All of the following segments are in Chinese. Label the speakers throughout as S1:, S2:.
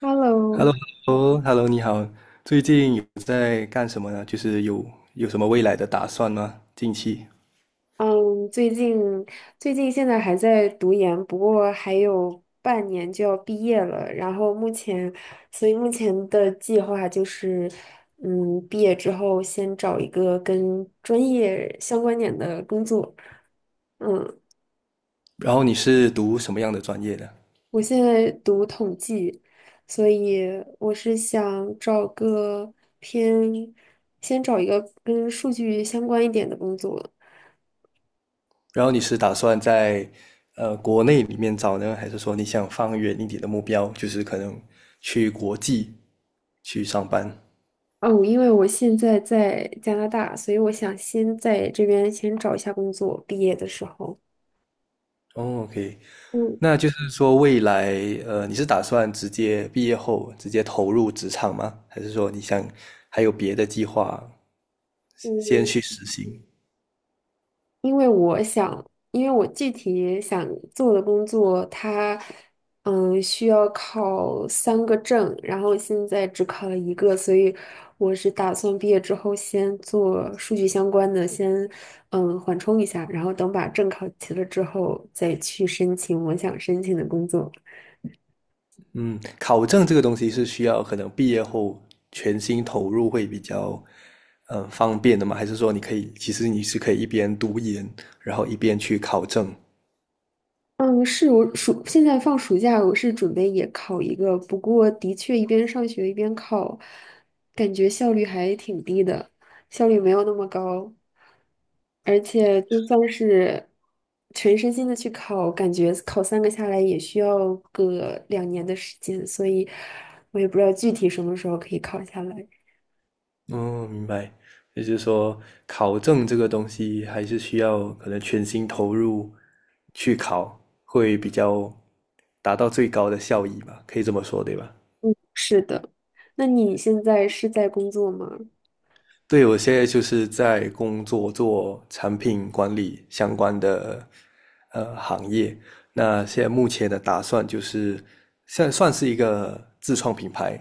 S1: Hello。
S2: Hello，Hello，你好。最近有在干什么呢？就是有什么未来的打算吗？近期。
S1: 嗯，最近最近现在还在读研，不过还有半年就要毕业了。然后目前，所以目前的计划就是，毕业之后先找一个跟专业相关点的工作。嗯。
S2: 然后你是读什么样的专业的？
S1: 我现在读统计，所以我是想找个偏，先找一个跟数据相关一点的工作。
S2: 然后你是打算在国内里面找呢，还是说你想放远一点的目标，就是可能去国际去上班？
S1: 哦，因为我现在在加拿大，所以我想先在这边先找一下工作，毕业的时候。
S2: 哦，OK，
S1: 嗯
S2: 那就是说未来你是打算直接毕业后直接投入职场吗？还是说你想还有别的计划先
S1: 嗯。
S2: 去实行？
S1: 因为我想，因为我具体想做的工作，它需要考3个证，然后现在只考了一个，所以我是打算毕业之后先做数据相关的，先缓冲一下，然后等把证考齐了之后再去申请我想申请的工作。
S2: 嗯，考证这个东西是需要可能毕业后全心投入会比较，方便的吗？还是说你可以，其实你是可以一边读研，然后一边去考证？
S1: 嗯，是我现在放暑假，我是准备也考一个，不过的确一边上学一边考，感觉效率还挺低的，效率没有那么高，而且就算是全身心的去考，感觉考三个下来也需要个2年的时间，所以我也不知道具体什么时候可以考下来。
S2: 哦，明白。也就是说，考证这个东西还是需要可能全心投入去考，会比较达到最高的效益吧？可以这么说，对吧？
S1: 是的，那你现在是在工作吗？
S2: 对，我现在就是在工作做产品管理相关的行业。那现在目前的打算就是，现在算是一个自创品牌。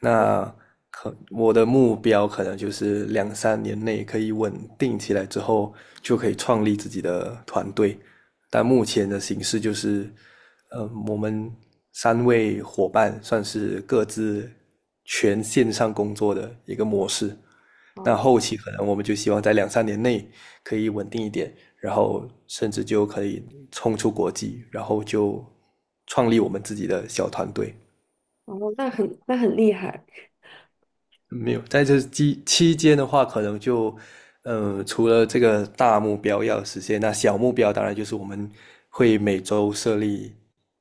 S2: 那可我的目标可能就是两三年内可以稳定起来之后，就可以创立自己的团队。但目前的形式就是，我们三位伙伴算是各自全线上工作的一个模式。那
S1: 哦。
S2: 后期可能我们就希望在两三年内可以稳定一点，然后甚至就可以冲出国际，然后就创立我们自己的小团队。
S1: 哦，那很厉害。
S2: 没有，在这期间的话，可能就，除了这个大目标要实现，那小目标当然就是我们会每周设立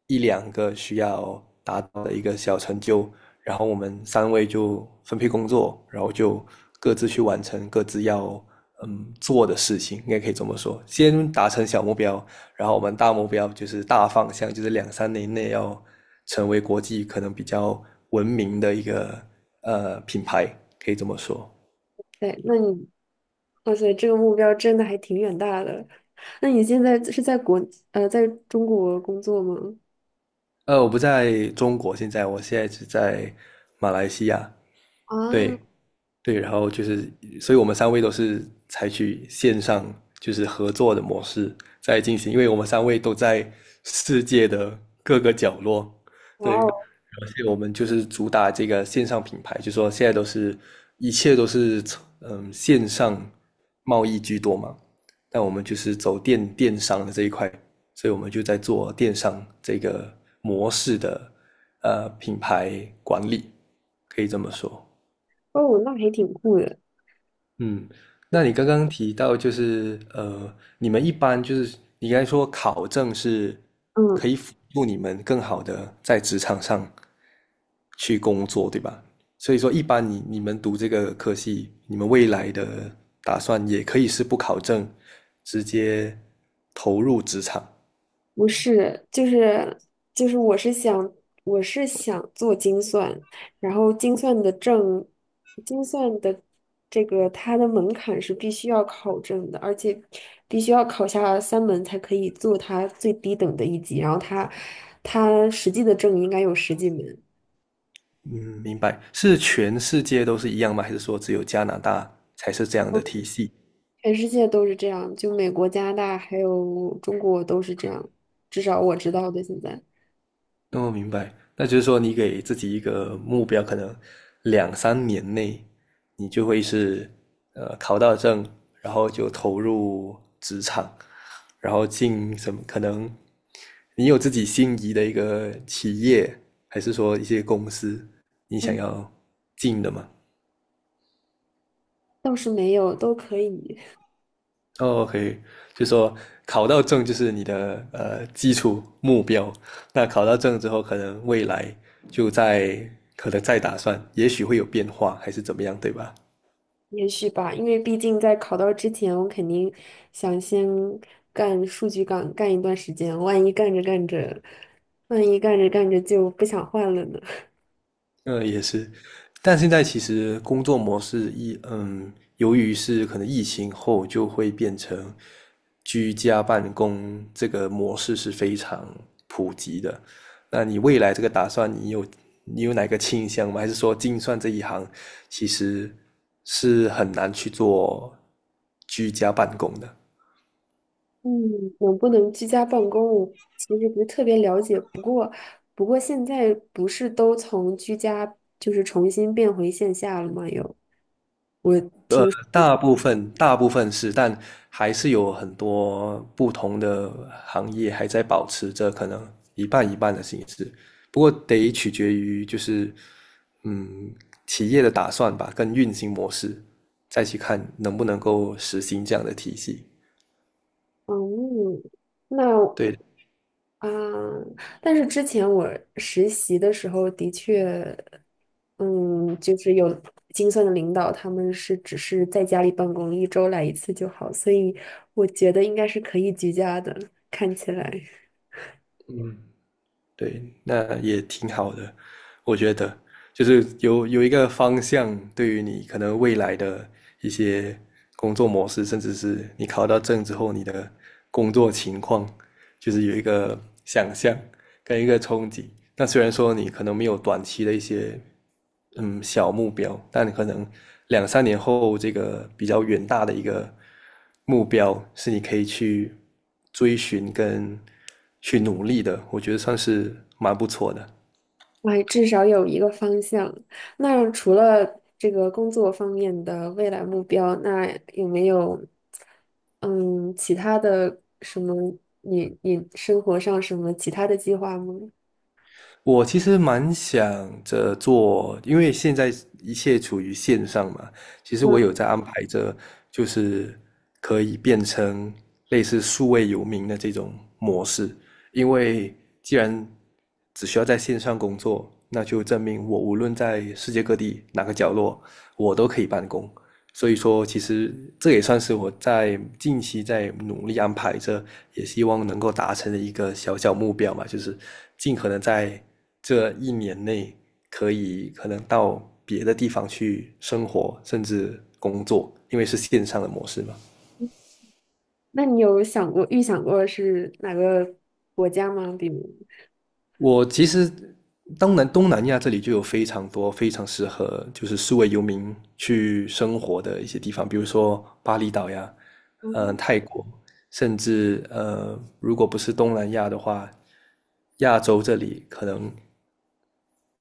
S2: 一两个需要达到的一个小成就，然后我们三位就分配工作，然后就各自去完成各自要做的事情，应该可以这么说，先达成小目标，然后我们大目标就是大方向，就是两三年内要成为国际可能比较文明的一个品牌，可以这么说。
S1: 对，哇塞，这个目标真的还挺远大的。那你现在是在中国工作吗？
S2: 我不在中国，我现在只在马来西亚。
S1: 啊。
S2: 对，对，然后就是，所以我们三位都是采取线上就是合作的模式在进行，因为我们三位都在世界的各个角落，对，
S1: 哇哦。
S2: 而且我们就是主打这个线上品牌，就说现在都是一切都是线上贸易居多嘛，但我们就是走电商的这一块，所以我们就在做电商这个模式的品牌管理，可以这么说。
S1: 哦，那还挺酷的。
S2: 嗯，那你刚刚提到就是你们一般就是你刚才说考证是
S1: 嗯。
S2: 可以辅助你们更好的在职场上去工作，对吧？所以说，一般你们读这个科系，你们未来的打算也可以是不考证，直接投入职场。
S1: 不是，就是我是想做精算，然后精算的证，精算的这个它的门槛是必须要考证的，而且必须要考下3门才可以做它最低等的一级，然后它实际的证应该有十几门。
S2: 嗯，明白。是全世界都是一样吗？还是说只有加拿大才是这样的体系？
S1: 全世界都是这样，就美国、加拿大还有中国都是这样，至少我知道的现在。
S2: 哦，明白。那就是说，你给自己一个目标，可能两三年内，你就会是考到证，然后就投入职场，然后进什么？可能你有自己心仪的一个企业，还是说一些公司，你想
S1: 嗯。
S2: 要进的吗？
S1: 倒是没有，都可以。
S2: 哦，OK，就说考到证就是你的基础目标。那考到证之后，可能未来就在可能再打算，也许会有变化，还是怎么样，对吧？
S1: 也许吧，因为毕竟在考到之前，我肯定想先干数据岗干一段时间，万一干着干着就不想换了呢。
S2: 也是，但现在其实工作模式一，由于是可能疫情后就会变成居家办公这个模式是非常普及的。那你未来这个打算，你有哪个倾向吗？还是说精算这一行其实是很难去做居家办公的？
S1: 嗯，能不能居家办公，我其实不是特别了解。不过现在不是都从居家就是重新变回线下了吗？又。
S2: 大部分是，但还是有很多不同的行业还在保持着可能一半一半的形式，不过得取决于就是嗯企业的打算吧，跟运行模式，再去看能不能够实行这样的体系。
S1: 嗯。那
S2: 对，
S1: 啊、但是之前我实习的时候的确，嗯，就是有精算的领导，他们是只是在家里办公，一周来一次就好，所以我觉得应该是可以居家的，看起来。
S2: 嗯，对，那也挺好的，我觉得，就是有一个方向，对于你可能未来的一些工作模式，甚至是你考到证之后你的工作情况，就是有一个想象。跟一个冲击。那虽然说你可能没有短期的一些小目标，但你可能两三年后这个比较远大的一个目标是你可以去追寻跟去努力的，我觉得算是蛮不错的。
S1: 哎，至少有一个方向。那除了这个工作方面的未来目标，那有没有嗯其他的什么你生活上什么其他的计划吗？
S2: 我其实蛮想着做，因为现在一切处于线上嘛，其实
S1: 嗯。
S2: 我有在安排着，就是可以变成类似数位游民的这种模式，因为既然只需要在线上工作，那就证明我无论在世界各地哪个角落，我都可以办公。所以说，其实这也算是我在近期在努力安排着，也希望能够达成的一个小小目标嘛，就是尽可能在这一年内可以可能到别的地方去生活，甚至工作，因为是线上的模式嘛。
S1: 你有预想过是哪个国家吗？比如。
S2: 我其实东南亚这里就有非常多非常适合就是数位游民去生活的一些地方，比如说巴厘岛呀，
S1: 嗯，
S2: 泰国，甚至如果不是东南亚的话，亚洲这里可能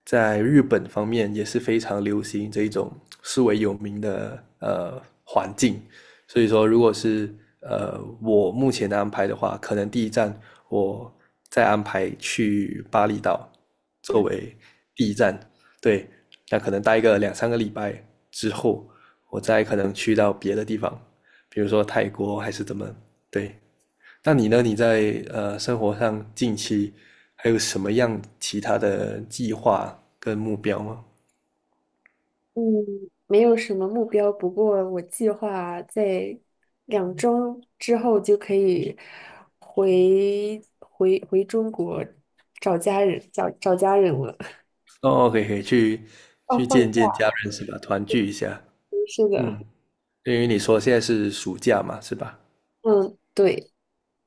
S2: 在日本方面也是非常流行这一种数位游民的环境。所以说，如果是我目前的安排的话，可能第一站我再安排去巴厘岛作为第一站，对，那可能待个两三个礼拜之后，我再可能去到别的地方，比如说泰国还是怎么，对。那你呢？你在生活上近期还有什么样其他的计划跟目标吗？
S1: 嗯，没有什么目标，不过我计划在2周之后就可以回中国，找家人了。
S2: 哦，可以可以去
S1: 哦，
S2: 去
S1: 放假。
S2: 见见家人是吧？团聚一下，
S1: 是的。
S2: 嗯。因为你说现在是暑假嘛，是吧？
S1: 嗯，对，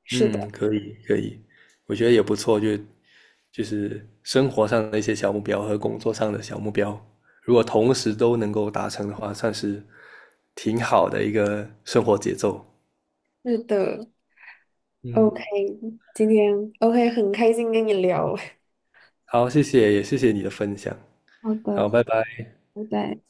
S1: 是
S2: 嗯，
S1: 的，
S2: 可以可以，我觉得也不错，就是生活上的一些小目标和工作上的小目标，如果同时都能够达成的话，算是挺好的一个生活节奏。
S1: 是的。
S2: 嗯，
S1: OK,今天 OK,很开心跟你聊。
S2: 好，谢谢，也谢谢你的分享。
S1: 好
S2: 好，
S1: 的，
S2: 拜拜。
S1: 拜拜。